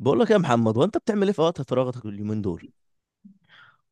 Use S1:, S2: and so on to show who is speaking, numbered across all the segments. S1: بقول لك يا محمد، وانت بتعمل ايه في وقت فراغك اليومين دول؟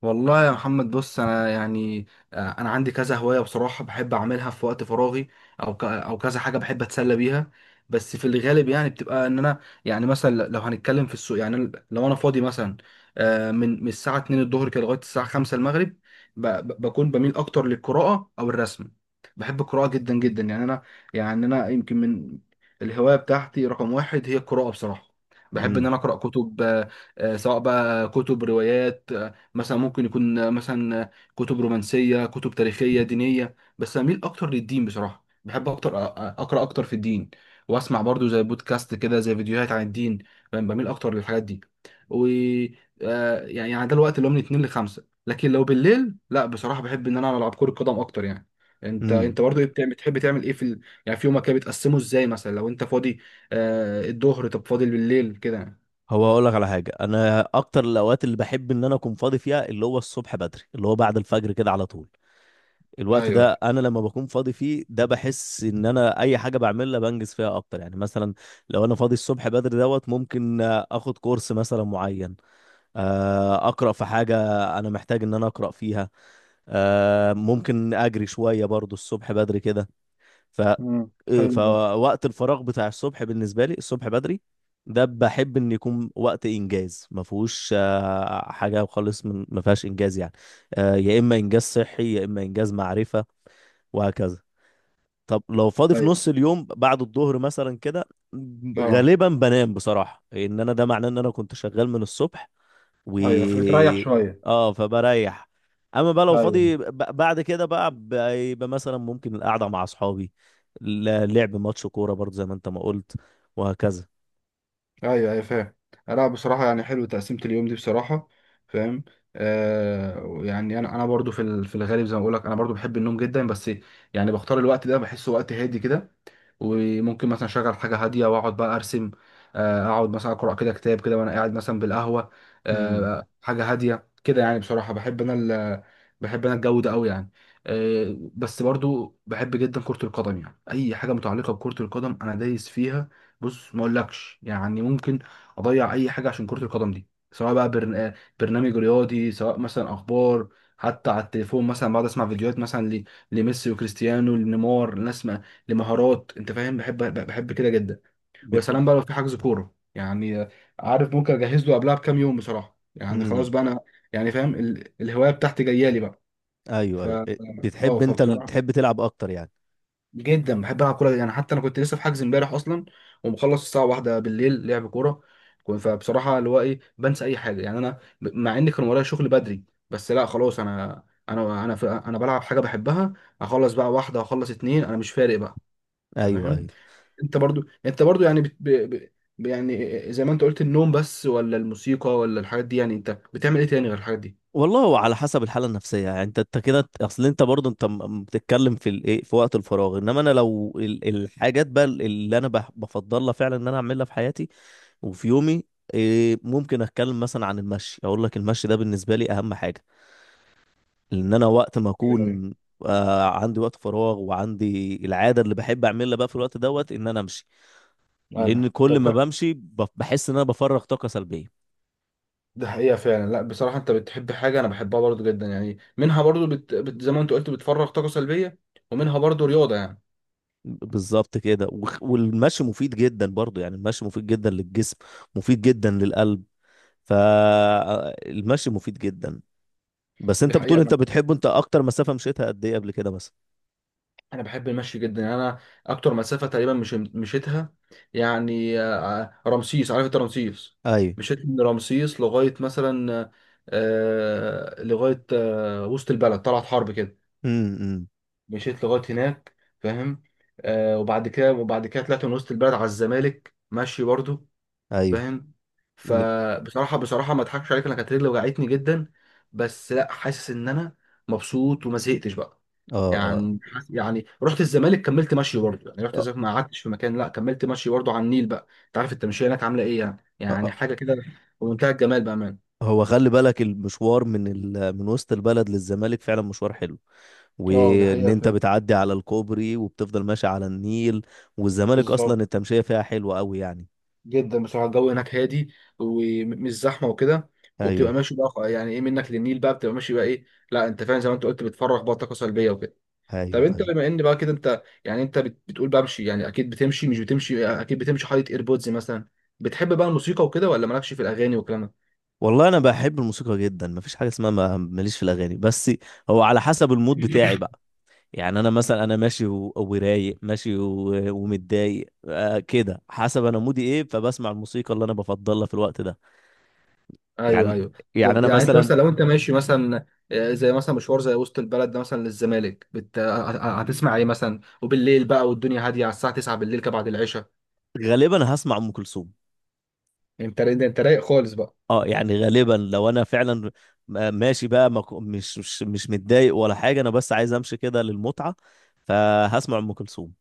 S2: والله يا محمد، بص انا يعني انا عندي كذا هوايه بصراحه، بحب اعملها في وقت فراغي. او كذا حاجه بحب اتسلى بيها. بس في الغالب يعني بتبقى ان انا، يعني مثلا لو هنتكلم في السوق، يعني لو انا فاضي مثلا من الساعه 2 الظهر كده لغايه الساعه 5 المغرب. بكون بميل اكتر للقراءه او الرسم. بحب القراءه جدا جدا يعني انا، يعني انا يمكن من الهوايه بتاعتي رقم واحد هي القراءه بصراحه. بحب ان
S1: امم.
S2: انا اقرا كتب سواء بقى كتب روايات. مثلا ممكن يكون مثلا كتب رومانسية، كتب تاريخية دينية، بس أميل أكتر للدين بصراحة. بحب أكتر أقرأ أكتر في الدين، وأسمع برضو زي بودكاست كده، زي فيديوهات عن الدين. فاهم؟ بميل أكتر للحاجات دي. و آه، يعني يعني ده الوقت اللي هو من اتنين لخمسة، لكن لو بالليل لا بصراحة بحب إن أنا ألعب كرة قدم أكتر يعني. انت
S1: امم.
S2: انت برضو ايه بتعمل، بتحب تعمل ايه يعني في يومك كده بتقسمه ازاي، مثلا لو انت فاضي الظهر؟ طب فاضي بالليل كده يعني؟
S1: هو هقول لك على حاجه. انا اكتر الاوقات اللي بحب ان انا اكون فاضي فيها اللي هو الصبح بدري، اللي هو بعد الفجر كده على طول. الوقت
S2: ايوه.
S1: ده انا لما بكون فاضي فيه ده بحس ان انا اي حاجه بعملها بنجز فيها اكتر، يعني مثلا لو انا فاضي الصبح بدري دوت ممكن اخد كورس مثلا معين. اقرا في حاجه انا محتاج ان انا اقرا فيها. ممكن اجري شويه برضو الصبح بدري كده. ف
S2: مم.
S1: آه،
S2: حلو ده.
S1: فوقت الفراغ بتاع الصبح بالنسبه لي الصبح بدري، ده بحب ان يكون وقت انجاز ما فيهوش حاجه خالص، من ما فيهاش انجاز يعني. يا اما انجاز صحي يا اما انجاز معرفه، وهكذا. طب لو فاضي في
S2: أيوة.
S1: نص اليوم بعد الظهر مثلا كده،
S2: اه.
S1: غالبا بنام بصراحه، ان انا ده معناه ان انا كنت شغال من الصبح و
S2: ايوه، فبتريح شويه.
S1: اه، فبريح. اما بقى لو
S2: ايوه،
S1: فاضي، بعد كده بقى بيبقى مثلا ممكن القعده مع اصحابي، لعب ماتش كوره برضه زي ما انت ما قلت، وهكذا.
S2: ايوه، ايوه، فاهم. لا بصراحه يعني حلو تقسيمه اليوم دي بصراحه. فاهم. يعني انا برضو في الغالب زي ما بقول لك، انا برضو بحب النوم جدا، بس يعني بختار الوقت ده، بحسه وقت هادي كده. وممكن مثلا اشغل حاجه هاديه واقعد بقى ارسم، اقعد مثلا اقرا كده كتاب كده وانا قاعد مثلا بالقهوه،
S1: امم.
S2: حاجه هاديه كده يعني. بصراحه بحب انا بحب انا الجو ده قوي يعني. بس برضو بحب جدا كره القدم يعني، اي حاجه متعلقه بكره القدم انا دايس فيها. بص ما اقولكش يعني، ممكن اضيع اي حاجه عشان كره القدم دي. سواء بقى برنامج رياضي، سواء مثلا اخبار، حتى على التليفون مثلا بقعد اسمع فيديوهات مثلا لميسي وكريستيانو، لنيمار، لناس ما... لمهارات. انت فاهم، بحب بحب كده جدا. ويا
S1: بت...
S2: سلام بقى لو في حجز كوره يعني، عارف ممكن اجهز له قبلها بكام يوم بصراحه يعني. خلاص
S1: مم.
S2: بقى انا يعني فاهم الهوايه بتاعتي جايه لي بقى.
S1: ايوه،
S2: ف
S1: ايوه،
S2: اه،
S1: بتحب انت
S2: فبصراحه
S1: تحب تلعب اكتر يعني؟
S2: جدا بحب العب كوره يعني. حتى انا كنت لسه في حجز امبارح اصلا، ومخلص الساعه واحدة بالليل لعب كوره. فبصراحه اللي هو ايه، بنسى اي حاجه يعني. انا مع ان كان ورايا شغل بدري، بس لا خلاص انا، انا انا في انا بلعب حاجه بحبها. اخلص بقى واحده اخلص اتنين، انا مش فارق بقى. انت
S1: ايوه،
S2: فاهم؟
S1: ايوه.
S2: انت برضو يعني بت... ب... ب... ب- يعني زي ما انت قلت النوم، بس ولا الموسيقى، ولا الحاجات دي؟ يعني انت بتعمل ايه تاني غير الحاجات دي؟
S1: والله هو على حسب الحاله النفسيه، يعني انت كده، اصل انت برضه انت بتتكلم في الايه في وقت الفراغ، انما انا لو الحاجات بقى اللي انا بفضلها فعلا ان انا اعملها في حياتي وفي يومي. إيه، ممكن اتكلم مثلا عن المشي. اقول لك المشي ده بالنسبه لي اهم حاجه، لان انا وقت ما
S2: ايوه.
S1: اكون عندي وقت فراغ وعندي العاده اللي بحب اعملها بقى في الوقت دوت ان انا امشي. لان
S2: أيوة.
S1: كل ما
S2: طب
S1: بمشي بحس ان انا بفرغ طاقه سلبيه.
S2: ده حقيقة فعلا. لا بصراحة، انت بتحب حاجة انا بحبها برضو جدا يعني. منها برضو زي ما انت قلت، بتفرغ طاقة سلبية، ومنها برضو رياضة يعني.
S1: بالظبط كده. والمشي مفيد جدا برضو، يعني المشي مفيد جدا للجسم، مفيد جدا للقلب، فالمشي مفيد جدا. بس
S2: دي
S1: انت
S2: حقيقة
S1: بتقول انت
S2: انا
S1: بتحبه، انت اكتر مسافه مشيتها قد ايه قبل كده مثلا؟
S2: انا بحب المشي جدا يعني. انا اكتر مسافة تقريبا مش مشيتها، يعني رمسيس، عارف انت رمسيس؟
S1: ايوه.
S2: مشيت من رمسيس لغاية مثلا لغاية وسط البلد، طلعت حرب كده،
S1: امم.
S2: مشيت لغاية هناك. فاهم؟ وبعد كده طلعت من وسط البلد على الزمالك ماشي برضو.
S1: ايوه.
S2: فاهم؟ فبصراحه ما اضحكش عليك، انا كانت رجلي وجعتني جدا، بس لا حاسس ان انا مبسوط، وما زهقتش بقى
S1: اه. اه.
S2: يعني. رحت الزمالك كملت مشي برضه. يعني رحت
S1: آه.
S2: الزمالك ما قعدتش في مكان، لا كملت مشي برضه على النيل بقى. انت عارف التمشيه هناك عامله ايه يعني،
S1: آه.
S2: يعني
S1: آه.
S2: حاجه كده بمنتهى الجمال، بامان.
S1: هو خلي بالك المشوار من وسط البلد للزمالك فعلا مشوار حلو،
S2: اه، دي
S1: وان
S2: حقيقة
S1: انت
S2: فعلا.
S1: بتعدي على الكوبري وبتفضل ماشي على النيل. والزمالك اصلا
S2: بالظبط،
S1: التمشية فيها حلوة قوي يعني.
S2: جدا بصراحه الجو هناك هادي، ومش زحمه وكده. وبتبقى
S1: ايوه،
S2: ماشي بقى يعني ايه، منك للنيل بقى بتبقى ماشي بقى ايه. لا انت فاهم، زي ما انت قلت بتفرغ بقى طاقه سلبيه وكده. طب
S1: ايوه،
S2: انت
S1: ايوه.
S2: بما ان بقى كده، انت يعني انت بتقول بمشي يعني. اكيد بتمشي، مش بتمشي اكيد بتمشي حاطط ايربودز مثلا؟ بتحب بقى الموسيقى وكده، ولا مالكش في الاغاني والكلام ده؟
S1: والله انا بحب الموسيقى جدا، مفيش حاجة اسمها ماليش في الاغاني، بس هو على حسب المود بتاعي بقى. يعني انا مثلا، انا ماشي ورايق، ماشي ومتضايق، كده حسب انا مودي ايه، فبسمع الموسيقى اللي انا بفضلها في الوقت ده.
S2: ايوه،
S1: يعني
S2: ايوه.
S1: يعني
S2: طب
S1: انا
S2: يعني انت
S1: مثلا،
S2: مثلا لو انت ماشي مثلا زي مثلا مشوار زي وسط البلد ده مثلا للزمالك بت... آه، آه، آه، هتسمع ايه مثلا، وبالليل بقى والدنيا هاديه على الساعه 9 بالليل كده بعد العشاء؟
S1: غالبا هسمع ام كلثوم.
S2: انت ده انت رايق خالص بقى.
S1: اه، يعني غالبا لو انا فعلا ماشي بقى، ما ك- مش متضايق ولا حاجه، انا بس عايز امشي كده للمتعه، فهسمع ام كلثوم.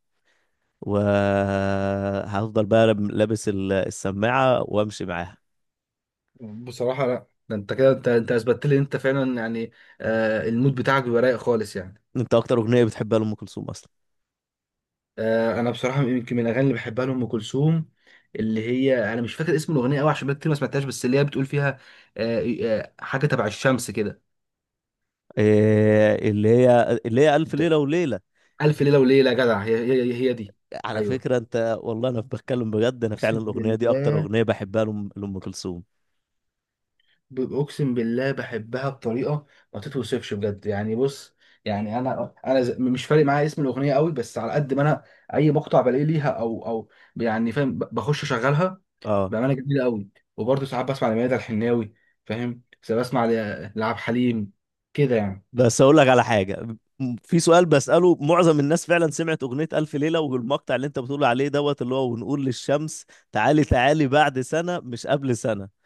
S1: وهفضل بقى لابس السماعه وامشي معاها.
S2: بصراحه لا، ده انت كده انت انت اثبتت لي ان انت فعلا يعني المود بتاعك بيبقى رايق خالص يعني.
S1: انت اكتر اغنيه بتحبها لام كلثوم اصلا؟
S2: انا بصراحه يمكن من الاغاني اللي بحبها لام كلثوم، اللي هي انا مش فاكر اسم الاغنيه قوي، عشان بقى كتير ما سمعتهاش، بس اللي هي بتقول فيها حاجه تبع الشمس كده.
S1: إيه، اللي هي الف
S2: أنت-
S1: ليله وليله.
S2: الف ليله وليله، يا جدع، هي دي.
S1: على
S2: ايوه،
S1: فكره انت، والله انا بتكلم بجد، انا فعلا
S2: اقسم
S1: الاغنيه دي اكتر
S2: بالله،
S1: اغنيه بحبها لأم كلثوم.
S2: اقسم بالله بحبها بطريقه ما تتوصفش بجد يعني. بص، يعني انا مش فارق معايا اسم الاغنيه قوي، بس على قد ما انا اي مقطع بلاقيه ليها او يعني فاهم، بخش اشغلها.
S1: اه.
S2: بأمانة جميلة قوي. وبرضه ساعات بسمع لميادة الحناوي، فاهم، ساعات بسمع لعبد الحليم كده يعني.
S1: بس اقول لك على حاجه. في سؤال بساله، معظم الناس فعلا سمعت اغنيه الف ليله والمقطع اللي انت بتقول عليه دوت اللي هو ونقول للشمس تعالي تعالي بعد سنه مش قبل سنه.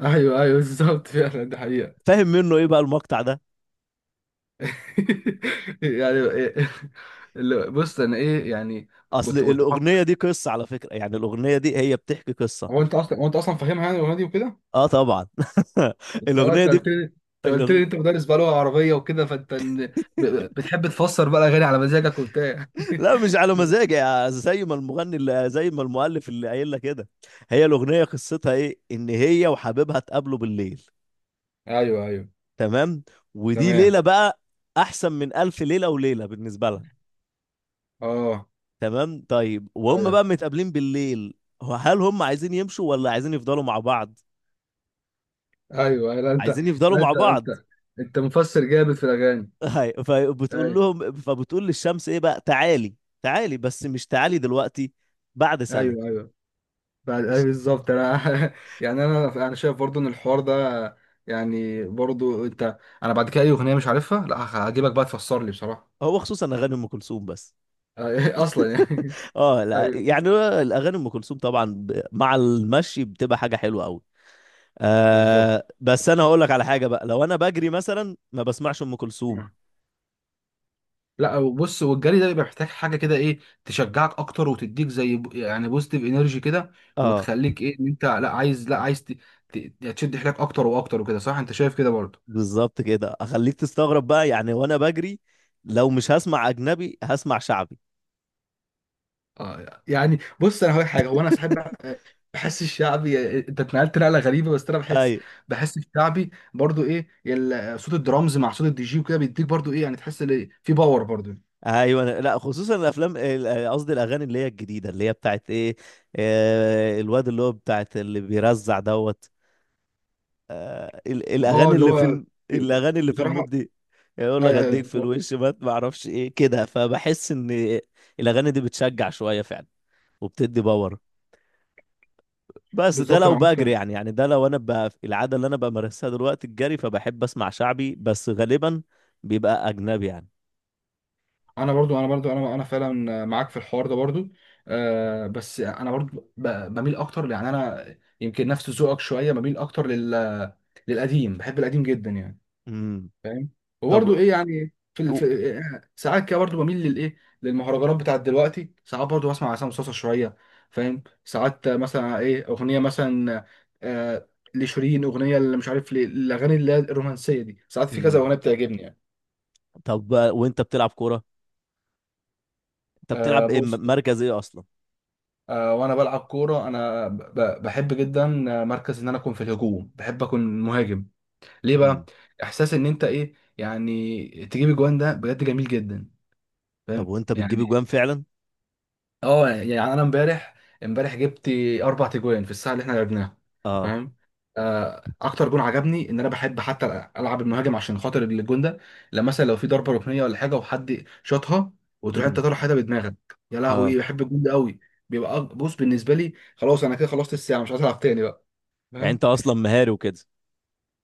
S2: ايوه، ايوه، بالظبط. فعلا دي حقيقة.
S1: فاهم منه ايه بقى المقطع ده؟
S2: يعني إيه- بص انا ايه يعني.
S1: اصل
S2: كنت كنت
S1: الاغنيه
S2: بفكر-
S1: دي قصه على فكره، يعني الاغنيه دي هي بتحكي قصه.
S2: هو انت اصلا فاهمها يعني الاغنيه دي وكده؟
S1: اه، طبعا.
S2: انت
S1: الاغنيه
S2: انت
S1: دي.
S2: قلت لي انت قلت لي
S1: الأغن...
S2: انت مدرس بقى لغه عربيه وكده، فانت بتحب تفسر بقى الاغاني على مزاجك وبتاع.
S1: لا، مش على مزاجي، زي ما المؤلف اللي قايل لك كده. هي الاغنيه قصتها ايه؟ ان هي وحبيبها اتقابلوا بالليل.
S2: ايوه، ايوه.
S1: تمام، ودي ليلة
S2: تمام.
S1: بقى أحسن من ألف ليلة وليلة بالنسبة لها.
S2: اه.
S1: تمام. طيب، وهم
S2: ايوه،
S1: بقى متقابلين بالليل، هو هل هم عايزين يمشوا ولا عايزين يفضلوا مع بعض؟
S2: ايوه. لا انت
S1: عايزين يفضلوا
S2: لا
S1: مع
S2: انت انت
S1: بعض.
S2: انت مفسر جامد في الاغاني.
S1: هاي،
S2: ايوه،
S1: فبتقول للشمس ايه بقى تعالي، تعالي بس مش تعالي دلوقتي، بعد سنة.
S2: ايوه، ايوه، بعد ايوه
S1: مش
S2: بالظبط انا. يعني انا انا شايف برضو ان الحوار ده، يعني برضو انت. انا بعد كده اي اغنيه مش عارفها، لا هجيبك بقى تفسر لي بصراحه.
S1: هو خصوصا اغاني ام كلثوم بس.
S2: اصلا يعني.
S1: اه، لا،
S2: ايوه
S1: يعني الاغاني ام كلثوم طبعا، مع المشي بتبقى حاجة حلوة قوي.
S2: بالظبط.
S1: بس انا هقول لك على حاجه بقى، لو انا بجري مثلا ما بسمعش ام كلثوم.
S2: لا وبص، والجري ده بيبقى محتاج حاجه كده ايه، تشجعك اكتر وتديك زي يعني بوزيتيف انرجي كده،
S1: اه،
S2: وتخليك ايه، ان انت لا عايز، لا عايز تشد حيلك اكتر واكتر وكده، صح؟ انت شايف كده برضو؟
S1: بالظبط كده، اخليك تستغرب بقى يعني وانا بجري، لو مش هسمع اجنبي هسمع شعبي.
S2: اه. يعني بص انا هقول لك حاجه، هو انا صاحب بحس الشعبي، انت اتنقلت نقله غريبه بس انا بحس،
S1: ايوه،
S2: بحس الشعبي برضو ايه صوت الدرامز مع صوت الدي جي وكده بيديك برضو ايه يعني، تحس إن في باور برضو.
S1: ايوه، لا، خصوصا قصدي الاغاني اللي هي الجديده اللي هي بتاعت ايه، الواد اللي هو بتاعت اللي بيرزع دوت،
S2: اه اللي هو
S1: الاغاني اللي في
S2: بصراحه
S1: المود دي، يقول
S2: آه،
S1: لك اديك
S2: آه،
S1: في
S2: آه،
S1: الوش ما اعرفش ايه كده، فبحس ان الاغاني دي بتشجع شويه فعلا وبتدي باور. بس ده
S2: بالظبط
S1: لو
S2: انا
S1: بجري،
S2: معاك.
S1: يعني ده لو انا بقى العاده اللي انا بمارسها دلوقتي الجري، فبحب اسمع شعبي بس غالبا بيبقى اجنبي يعني.
S2: انا برضو انا برضو انا انا فعلا معاك في الحوار ده برضو. بس انا برضو بميل اكتر يعني انا، يمكن نفس ذوقك شويه، بميل اكتر لل للقديم، بحب القديم جدا يعني.
S1: امم.
S2: فاهم.
S1: طب
S2: وبرضه ايه يعني
S1: و...
S2: في ساعات كده برضه بميل للايه للمهرجانات بتاعت دلوقتي. ساعات برضه بسمع عصام صاصا شويه. فاهم؟ ساعات مثلا ايه اغنيه مثلا آه لشيرين، اغنيه اللي مش عارف ليه، الاغاني اللي هي الرومانسيه دي ساعات في كذا
S1: امم.
S2: اغنيه بتعجبني يعني.
S1: طب بقى، وانت بتلعب كوره، انت بتلعب ايه
S2: بص،
S1: مركز ايه اصلا؟
S2: وانا بلعب كوره انا بحب جدا مركز ان انا اكون في الهجوم، بحب اكون مهاجم. ليه بقى؟
S1: امم.
S2: احساس ان انت ايه يعني، تجيب اجوان، ده بجد جميل جدا.
S1: طب
S2: فاهم
S1: وانت بتجيب
S2: يعني؟
S1: اجوان فعلا؟
S2: اه يعني انا امبارح، جبت اربع تجوان في الساعه اللي احنا لعبناها.
S1: اه.
S2: فاهم؟ اكتر جون عجبني، ان انا بحب حتى العب المهاجم عشان خاطر الجون ده. لما مثلا لو في ضربه ركنيه ولا حاجه وحد شاطها، وتروح انت
S1: امم.
S2: طالع حاجه بدماغك. يا
S1: اه،
S2: لهوي، بحب الجون ده قوي. بيبقى بص بالنسبه لي خلاص، انا كده خلصت الساعه، مش عايز العب تاني بقى.
S1: يعني انت
S2: فاهم؟
S1: اصلا مهاري وكده؟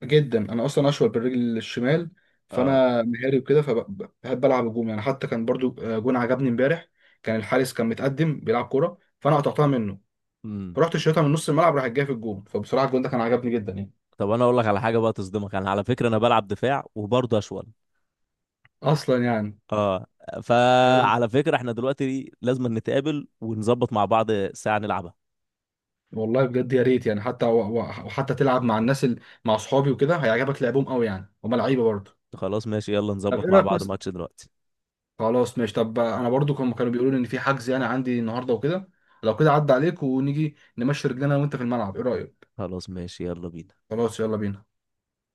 S2: جدا انا اصلا اشول بالرجل الشمال،
S1: اه.
S2: فانا مهاري وكده، فبحب العب الجون يعني. حتى كان برضو جون عجبني امبارح، كان الحارس كان متقدم بيلعب كوره فانا قطعتها منه،
S1: امم.
S2: فرحت شايطها من نص الملعب، راح جايه في الجون. فبصراحه الجون ده كان عجبني جدا يعني.
S1: طب انا اقول لك على حاجه بقى تصدمك، انا على فكره انا بلعب دفاع وبرضه اشول.
S2: اصلا يعني.
S1: اه،
S2: يا ريت.
S1: فعلى فكرة احنا دلوقتي لازم نتقابل ونظبط مع بعض ساعة نلعبها.
S2: والله بجد يا ريت يعني، حتى و- وحتى تلعب مع الناس مع اصحابي وكده هيعجبك لعبهم قوي يعني. هما
S1: خ-
S2: لعيبه برضه.
S1: خلاص، ماشي، يلا
S2: طب ايه
S1: نظبط مع
S2: رايك
S1: بعض
S2: مثلا؟
S1: ماتش دلوقتي.
S2: خلاص ماشي، طب انا برضو كانوا بيقولوا لي ان في حجز يعني عندي النهارده وكده. لو كده عدى عليك ونيجي نمشي رجلنا أنا وانت في الملعب، ايه رايك؟
S1: خلاص، ماشي، يلا بينا.
S2: خلاص يلا بينا.